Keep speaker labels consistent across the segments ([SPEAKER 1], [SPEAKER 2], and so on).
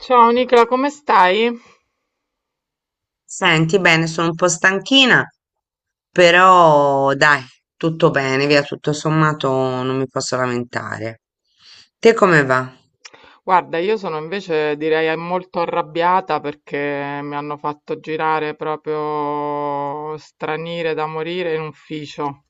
[SPEAKER 1] Ciao Nicola, come stai?
[SPEAKER 2] Senti, bene, sono un po' stanchina, però dai, tutto bene, via, tutto sommato non mi posso lamentare. Te come va?
[SPEAKER 1] Guarda, io sono invece direi molto arrabbiata perché mi hanno fatto girare proprio stranire da morire in ufficio.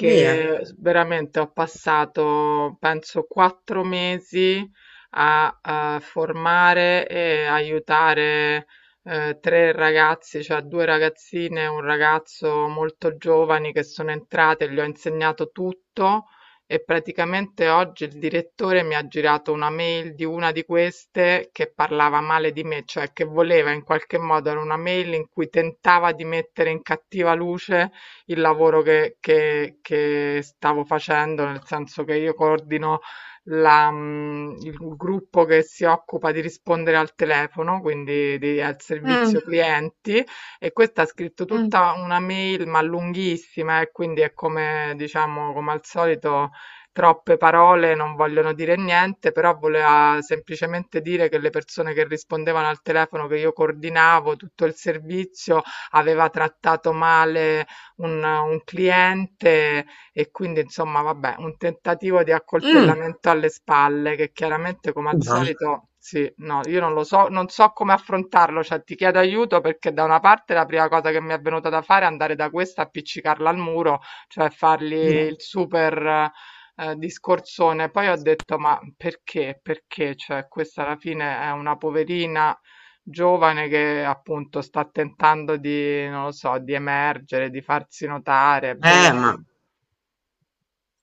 [SPEAKER 2] Via.
[SPEAKER 1] veramente ho passato, penso, quattro mesi a, formare e aiutare, tre ragazzi, cioè due ragazzine e un ragazzo molto giovani che sono entrate, gli ho insegnato tutto e praticamente oggi il direttore mi ha girato una mail di una di queste che parlava male di me, cioè che voleva in qualche modo, era una mail in cui tentava di mettere in cattiva luce il lavoro che stavo facendo, nel senso che io coordino il gruppo che si occupa di rispondere al telefono, quindi al
[SPEAKER 2] Mm,
[SPEAKER 1] servizio clienti, e questa ha scritto
[SPEAKER 2] mm,
[SPEAKER 1] tutta una mail ma lunghissima e quindi è come diciamo come al solito. Troppe parole non vogliono dire niente, però voleva semplicemente dire che le persone che rispondevano al telefono che io coordinavo, tutto il servizio, aveva trattato male un cliente e quindi insomma, vabbè, un tentativo di
[SPEAKER 2] mm.
[SPEAKER 1] accoltellamento alle spalle che chiaramente come al
[SPEAKER 2] Dai,
[SPEAKER 1] solito sì, no, io non lo so, non so come affrontarlo, cioè ti chiedo aiuto perché da una parte la prima cosa che mi è venuta da fare è andare da questa, appiccicarla al muro, cioè fargli il
[SPEAKER 2] dai.
[SPEAKER 1] super discorsone. Poi ho detto, ma perché? Perché? Cioè, questa alla fine è una poverina giovane che appunto sta tentando di, non lo so, di emergere, di farsi notare, boh,
[SPEAKER 2] Eh, ma
[SPEAKER 1] cioè.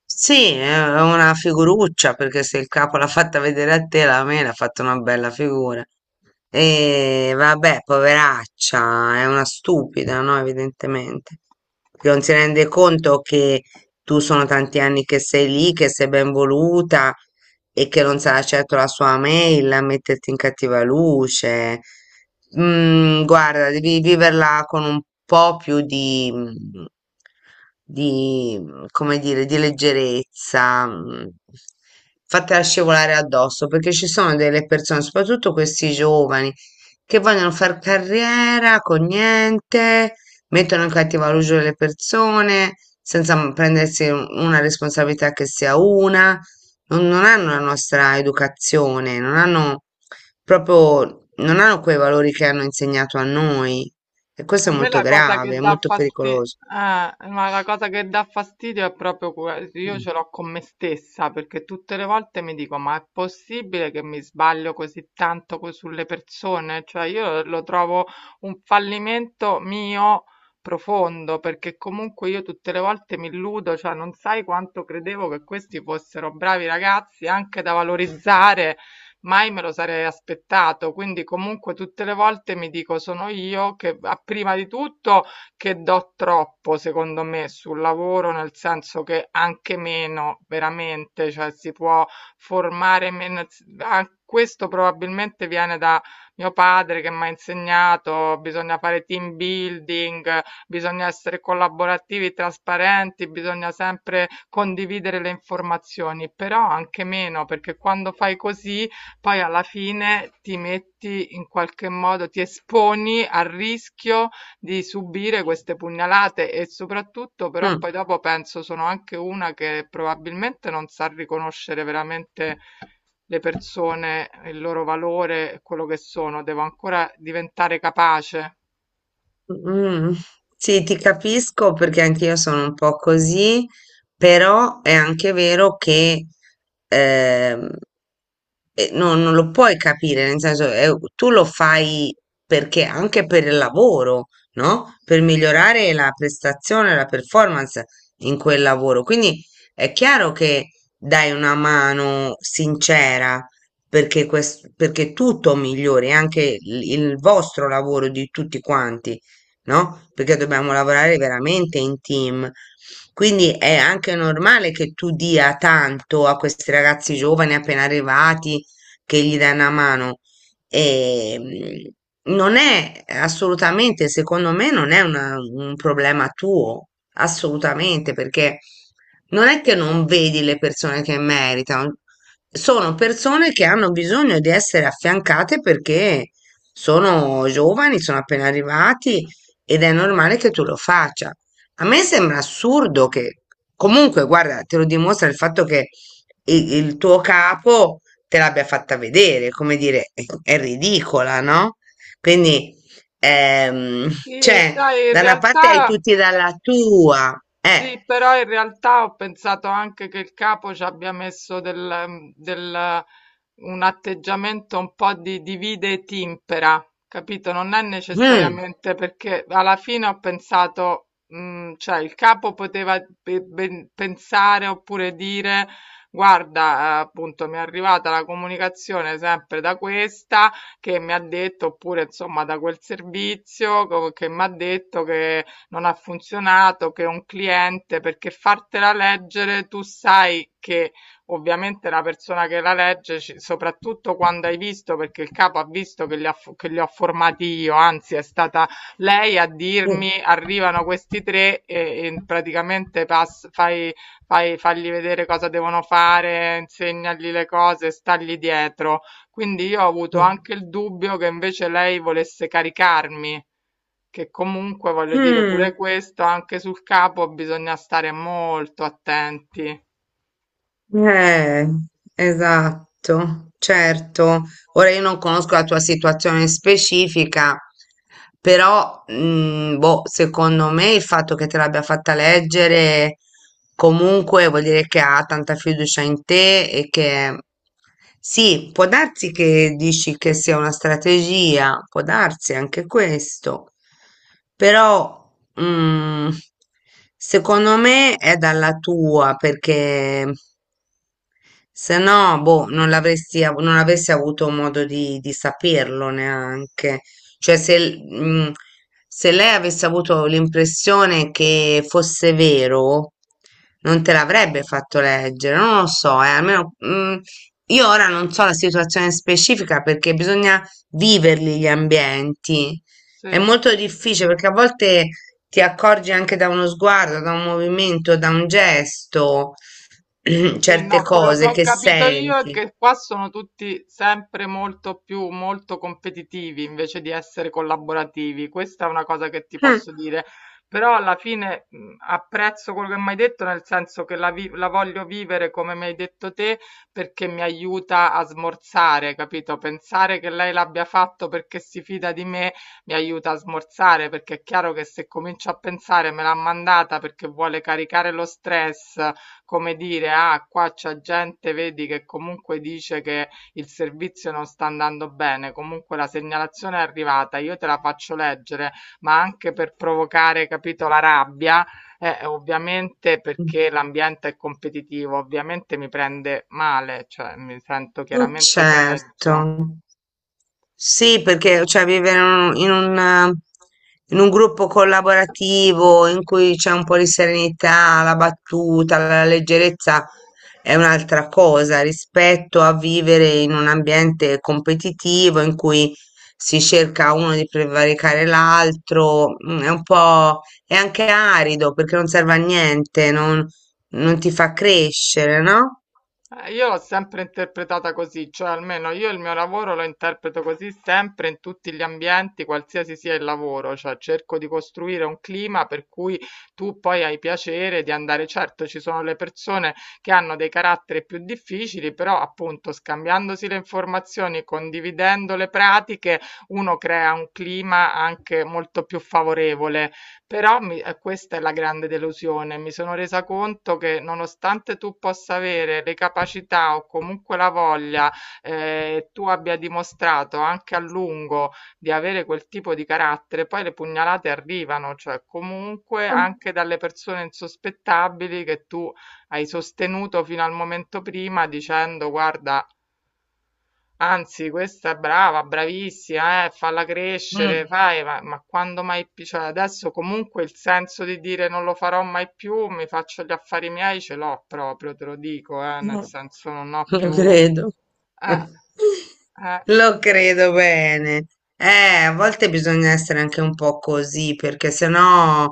[SPEAKER 2] Sì, è una figuruccia perché se il capo l'ha fatta vedere a te, la mela ha fatto una bella figura. E vabbè, poveraccia, è una stupida, no? Evidentemente, che non si rende conto che tu sono tanti anni che sei lì, che sei ben voluta e che non sarà certo la sua mail a metterti in cattiva luce. Mm, guarda, devi viverla con un po' più di come dire, di leggerezza, fatela scivolare addosso, perché ci sono delle persone, soprattutto questi giovani, che vogliono far carriera con niente, mettono in cattivo luce le persone senza prendersi una responsabilità che sia una, non hanno la nostra educazione, non hanno proprio, non hanno quei valori che hanno insegnato a noi. E questo
[SPEAKER 1] A
[SPEAKER 2] è
[SPEAKER 1] me
[SPEAKER 2] molto
[SPEAKER 1] la cosa
[SPEAKER 2] grave,
[SPEAKER 1] che
[SPEAKER 2] è
[SPEAKER 1] dà
[SPEAKER 2] molto
[SPEAKER 1] fastidio,
[SPEAKER 2] pericoloso.
[SPEAKER 1] ma la cosa che dà fastidio è proprio io
[SPEAKER 2] Mm.
[SPEAKER 1] ce l'ho con me stessa, perché tutte le volte mi dico, ma è possibile che mi sbaglio così tanto sulle persone? Cioè io lo trovo un fallimento mio profondo, perché comunque io tutte le volte mi illudo, cioè non sai quanto credevo che questi fossero bravi ragazzi anche da valorizzare. Mai me lo sarei aspettato. Quindi comunque tutte le volte mi dico sono io che prima di tutto che do troppo, secondo me, sul lavoro, nel senso che anche meno, veramente, cioè si può formare meno. Questo probabilmente viene da mio padre che mi ha insegnato, bisogna fare team building, bisogna essere collaborativi, trasparenti, bisogna sempre condividere le informazioni, però anche meno, perché quando fai così poi alla fine ti metti in qualche modo, ti esponi al rischio di subire queste pugnalate e soprattutto
[SPEAKER 2] Sì.
[SPEAKER 1] però poi dopo penso sono anche una che probabilmente non sa riconoscere veramente le persone, il loro valore, e quello che sono, devo ancora diventare capace.
[SPEAKER 2] Mm, sì, ti capisco perché anch'io sono un po' così, però è anche vero che ehm, non lo puoi capire, nel senso, tu lo fai perché anche per il lavoro, no? Per migliorare la prestazione, la performance in quel lavoro. Quindi è chiaro che dai una mano sincera perché, perché tutto migliori, anche il vostro lavoro di tutti quanti, no? Perché dobbiamo lavorare veramente in team. Quindi è anche normale che tu dia tanto a questi ragazzi giovani appena arrivati che gli dà una mano. E, non è assolutamente, secondo me, non è un problema tuo, assolutamente, perché non è che non vedi le persone che meritano, sono persone che hanno bisogno di essere affiancate perché sono giovani, sono appena arrivati ed è normale che tu lo faccia. A me sembra assurdo che, comunque, guarda, te lo dimostra il fatto che tuo capo te l'abbia fatta vedere, come dire, è ridicola, no? Quindi, ehm,
[SPEAKER 1] Sì,
[SPEAKER 2] cioè,
[SPEAKER 1] sai, in
[SPEAKER 2] da una parte hai
[SPEAKER 1] realtà.
[SPEAKER 2] tutti dalla tua, eh.
[SPEAKER 1] Sì, però in realtà ho pensato anche che il capo ci abbia messo un atteggiamento un po' di divide e timpera, capito? Non è
[SPEAKER 2] Mm,
[SPEAKER 1] necessariamente perché alla fine ho pensato, cioè il capo poteva pensare oppure dire, guarda, appunto mi è arrivata la comunicazione sempre da questa che mi ha detto, oppure insomma da quel servizio che mi ha detto che non ha funzionato, che un cliente, perché fartela leggere tu sai che ovviamente la persona che la legge, soprattutto quando hai visto, perché il capo ha visto che li ho formati io, anzi è stata lei a
[SPEAKER 2] mm,
[SPEAKER 1] dirmi arrivano questi tre e praticamente fai, fagli vedere cosa devono fare, insegnagli le cose, stagli dietro. Quindi io ho avuto
[SPEAKER 2] mm,
[SPEAKER 1] anche il dubbio che invece lei volesse caricarmi. Che comunque voglio dire
[SPEAKER 2] mm.
[SPEAKER 1] pure questo, anche sul capo bisogna stare molto attenti.
[SPEAKER 2] Eh, esatto, certo. Ora io non conosco la tua situazione specifica, però mm, boh, secondo me il fatto che te l'abbia fatta leggere comunque vuol dire che ha tanta fiducia in te e che sì, può darsi che dici che sia una strategia, può darsi anche questo, però mm, secondo me è dalla tua perché. Se no, boh, non l'avresti, non avresti avuto modo di saperlo neanche. Cioè, se, mm, se lei avesse avuto l'impressione che fosse vero, non te l'avrebbe fatto leggere. Non lo so, almeno, mm, io ora non so la situazione specifica perché bisogna viverli gli ambienti. È
[SPEAKER 1] Sì.
[SPEAKER 2] molto difficile perché a volte ti accorgi anche da uno sguardo, da un movimento, da un gesto.
[SPEAKER 1] Sì,
[SPEAKER 2] certe
[SPEAKER 1] no, quello che
[SPEAKER 2] cose
[SPEAKER 1] ho
[SPEAKER 2] che
[SPEAKER 1] capito io è
[SPEAKER 2] senti.
[SPEAKER 1] che qua sono tutti sempre molto competitivi invece di essere collaborativi. Questa è una cosa che ti
[SPEAKER 2] Mm,
[SPEAKER 1] posso dire. Però alla fine apprezzo quello che mi hai detto, nel senso che la voglio vivere come mi hai detto te, perché mi aiuta a smorzare, capito? Pensare che lei l'abbia fatto perché si fida di me mi aiuta a smorzare, perché è chiaro che se comincio a pensare me l'ha mandata perché vuole caricare lo stress come dire, ah, qua c'è gente, vedi che comunque dice che il servizio non sta andando bene, comunque la segnalazione è arrivata, io te la faccio leggere, ma anche per provocare, capito, la rabbia, ovviamente perché l'ambiente è competitivo, ovviamente mi prende male, cioè mi sento
[SPEAKER 2] mm,
[SPEAKER 1] chiaramente peggio.
[SPEAKER 2] certo. Sì, perché cioè, vivere in in un gruppo collaborativo in cui c'è un po' di serenità, la battuta, la leggerezza è un'altra cosa rispetto a vivere in un ambiente competitivo in cui si cerca uno di prevaricare l'altro, mm, è un po' è anche arido perché non serve a niente, non, non ti fa crescere, no?
[SPEAKER 1] Io l'ho sempre interpretata così, cioè almeno io il mio lavoro lo interpreto così sempre in tutti gli ambienti, qualsiasi sia il lavoro, cioè cerco di costruire un clima per cui tu poi hai piacere di andare. Certo, ci sono le persone che hanno dei caratteri più difficili, però appunto scambiandosi le informazioni, condividendo le pratiche, uno crea un clima anche molto più favorevole. Però questa è la grande delusione. Mi sono resa conto che nonostante tu possa avere le capacità o comunque la voglia, tu abbia dimostrato anche a lungo di avere quel tipo di carattere, poi le pugnalate arrivano, cioè comunque
[SPEAKER 2] Ah,
[SPEAKER 1] anche dalle persone insospettabili che tu hai sostenuto fino al momento prima dicendo guarda, anzi, questa è brava, bravissima, falla crescere,
[SPEAKER 2] Mm.
[SPEAKER 1] fai, ma quando mai più, cioè adesso comunque il senso di dire non lo farò mai più, mi faccio gli affari miei, ce l'ho proprio, te lo dico, nel
[SPEAKER 2] No,
[SPEAKER 1] senso non ho
[SPEAKER 2] lo
[SPEAKER 1] più.
[SPEAKER 2] credo.
[SPEAKER 1] Eh, eh.
[SPEAKER 2] Lo credo bene. Eh, a volte bisogna essere anche un po' così, perché sennò,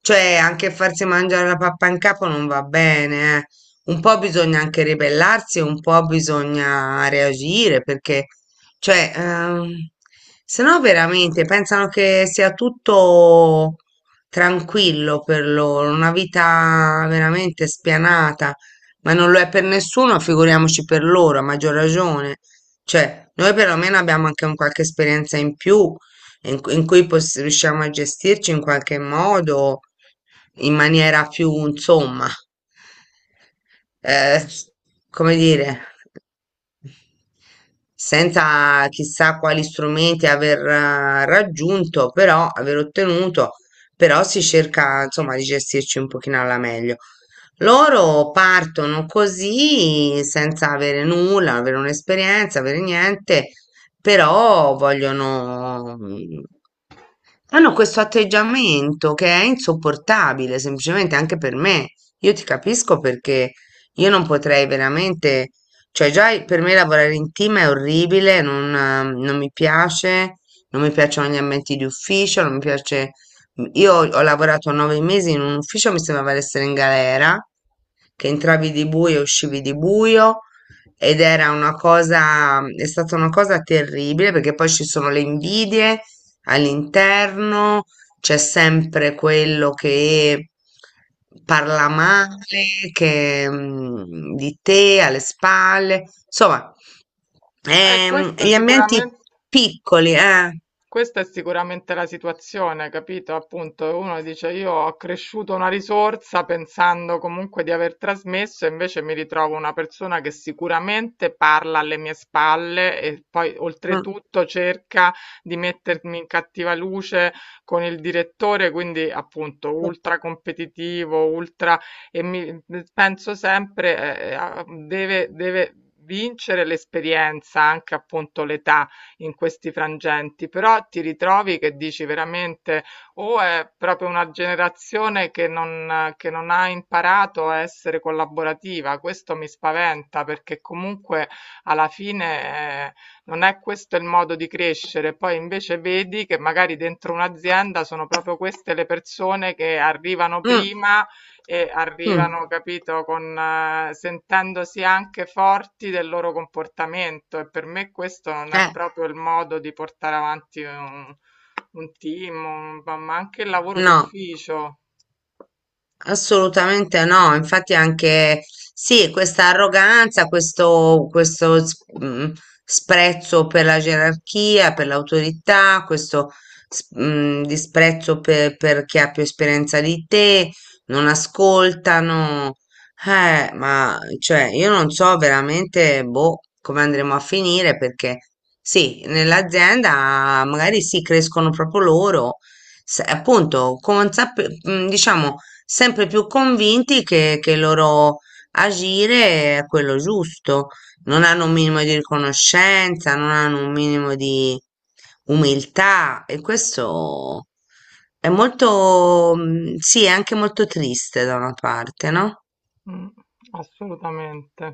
[SPEAKER 2] cioè, anche farsi mangiare la pappa in capo non va bene, eh. Un po' bisogna anche ribellarsi, un po' bisogna reagire, perché, cioè, sennò veramente pensano che sia tutto tranquillo per loro, una vita veramente spianata. Ma non lo è per nessuno, figuriamoci per loro, a maggior ragione. Cioè, noi perlomeno abbiamo anche un qualche esperienza in più in, in cui riusciamo a gestirci in qualche modo, in maniera più, insomma, eh, come dire, senza chissà quali strumenti aver raggiunto, però aver ottenuto, però si cerca insomma di gestirci un pochino alla meglio. Loro partono così senza avere nulla, avere un'esperienza, avere niente, però vogliono, hanno questo atteggiamento che è insopportabile, semplicemente anche per me. Io ti capisco perché io non potrei veramente, cioè già per me lavorare in team è orribile, non, non mi piace, non mi piacciono gli ambienti di ufficio, non mi piace. Io ho lavorato 9 mesi in un ufficio, mi sembrava di essere in galera, che entravi di buio e uscivi di buio ed era una cosa, è stata una cosa terribile perché poi ci sono le invidie all'interno, c'è sempre quello che parla male, che, mm, di te alle spalle, insomma,
[SPEAKER 1] Eh, questa
[SPEAKER 2] gli ambienti
[SPEAKER 1] sicuramente...
[SPEAKER 2] piccoli, eh.
[SPEAKER 1] Questa è sicuramente la situazione, capito? Appunto, uno dice io ho accresciuto una risorsa pensando comunque di aver trasmesso e invece mi ritrovo una persona che sicuramente parla alle mie spalle e poi
[SPEAKER 2] Mm,
[SPEAKER 1] oltretutto cerca di mettermi in cattiva luce con il direttore, quindi appunto
[SPEAKER 2] mm,
[SPEAKER 1] ultra competitivo, ultra e mi penso sempre deve vincere l'esperienza, anche appunto l'età in questi frangenti, però ti ritrovi che dici veramente o è proprio una generazione che non ha imparato a essere collaborativa, questo mi spaventa perché comunque alla fine non è questo il modo di crescere, poi invece vedi che magari dentro un'azienda sono proprio queste le persone che arrivano
[SPEAKER 2] mm,
[SPEAKER 1] prima e
[SPEAKER 2] mm,
[SPEAKER 1] arrivano, capito, sentendosi anche forti del loro comportamento e per me questo non è
[SPEAKER 2] eh,
[SPEAKER 1] proprio il modo di portare avanti un team, ma anche il lavoro
[SPEAKER 2] no.
[SPEAKER 1] d'ufficio.
[SPEAKER 2] Assolutamente no, infatti anche sì, questa arroganza, questo sprezzo per la gerarchia, per l'autorità, questo disprezzo per chi ha più esperienza di te, non ascoltano, ma cioè io non so veramente boh, come andremo a finire perché sì, nell'azienda magari sì, crescono proprio loro, appunto, diciamo sempre più convinti che il loro agire è quello giusto, non hanno un minimo di riconoscenza, non hanno un minimo di umiltà e questo è molto, mm, sì, è anche molto triste da una parte, no?
[SPEAKER 1] Mm, assolutamente.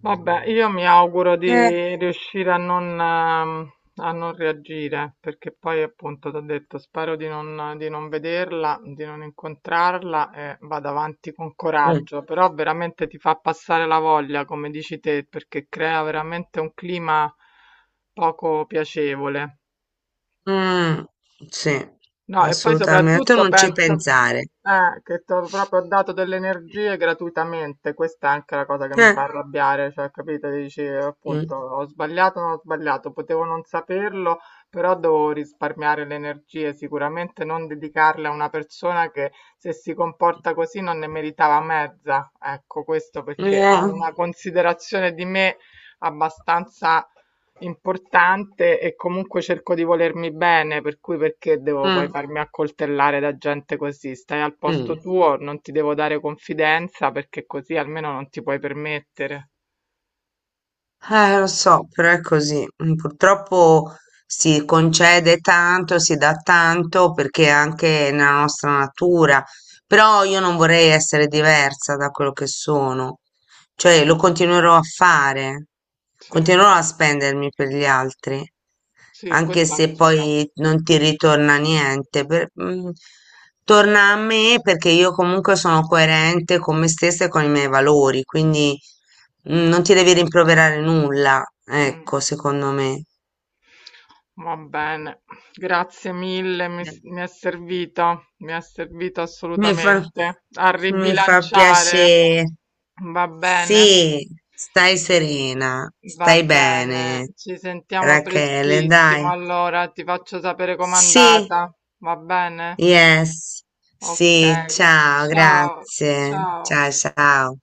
[SPEAKER 1] Vabbè, io mi auguro
[SPEAKER 2] Eh,
[SPEAKER 1] di riuscire a non reagire, perché poi appunto ti ho detto, spero di non vederla, di non incontrarla e vado avanti con
[SPEAKER 2] mm.
[SPEAKER 1] coraggio, però veramente ti fa passare la voglia, come dici te, perché crea veramente un clima poco piacevole.
[SPEAKER 2] Mm, sì,
[SPEAKER 1] No, e poi
[SPEAKER 2] assolutamente, tu
[SPEAKER 1] soprattutto
[SPEAKER 2] non ci
[SPEAKER 1] penso
[SPEAKER 2] pensare.
[SPEAKER 1] che ti ho proprio dato delle energie gratuitamente, questa è anche la cosa che mi fa
[SPEAKER 2] Eh.
[SPEAKER 1] arrabbiare, cioè capito, dici
[SPEAKER 2] Mm,
[SPEAKER 1] appunto ho sbagliato, non ho sbagliato, potevo non saperlo, però devo risparmiare le energie, sicuramente non dedicarle a una persona che se si comporta così non ne meritava mezza, ecco questo perché ho
[SPEAKER 2] eh,
[SPEAKER 1] una considerazione di me abbastanza importante e comunque cerco di volermi bene, per cui perché devo poi
[SPEAKER 2] mm,
[SPEAKER 1] farmi accoltellare da gente così? Stai al posto
[SPEAKER 2] mm.
[SPEAKER 1] tuo, non ti devo dare confidenza perché così almeno non ti puoi permettere.
[SPEAKER 2] Lo so, però è così. Mm, purtroppo si concede tanto, si dà tanto perché è anche nella nostra natura. Però io non vorrei essere diversa da quello che sono. Cioè lo continuerò a fare,
[SPEAKER 1] Sì,
[SPEAKER 2] continuerò a spendermi per gli altri,
[SPEAKER 1] sì,
[SPEAKER 2] anche
[SPEAKER 1] questo
[SPEAKER 2] se
[SPEAKER 1] anch'io.
[SPEAKER 2] poi non ti ritorna niente. Mm, torna a me perché io comunque sono coerente con me stessa e con i miei valori, quindi mm, non ti devi rimproverare nulla,
[SPEAKER 1] Mm.
[SPEAKER 2] ecco, secondo me.
[SPEAKER 1] Va bene, grazie mille, mi è servito
[SPEAKER 2] Mi fa,
[SPEAKER 1] assolutamente a
[SPEAKER 2] mi fa
[SPEAKER 1] ribilanciare.
[SPEAKER 2] piacere.
[SPEAKER 1] Va bene.
[SPEAKER 2] Sì, stai serena,
[SPEAKER 1] Va
[SPEAKER 2] stai
[SPEAKER 1] bene,
[SPEAKER 2] bene,
[SPEAKER 1] ci sentiamo
[SPEAKER 2] Rachele,
[SPEAKER 1] prestissimo.
[SPEAKER 2] dai.
[SPEAKER 1] Allora ti faccio sapere com'è
[SPEAKER 2] Sì,
[SPEAKER 1] andata. Va bene?
[SPEAKER 2] yes.
[SPEAKER 1] Ok.
[SPEAKER 2] Sì, ciao,
[SPEAKER 1] Ciao,
[SPEAKER 2] grazie.
[SPEAKER 1] ciao.
[SPEAKER 2] Ciao, ciao.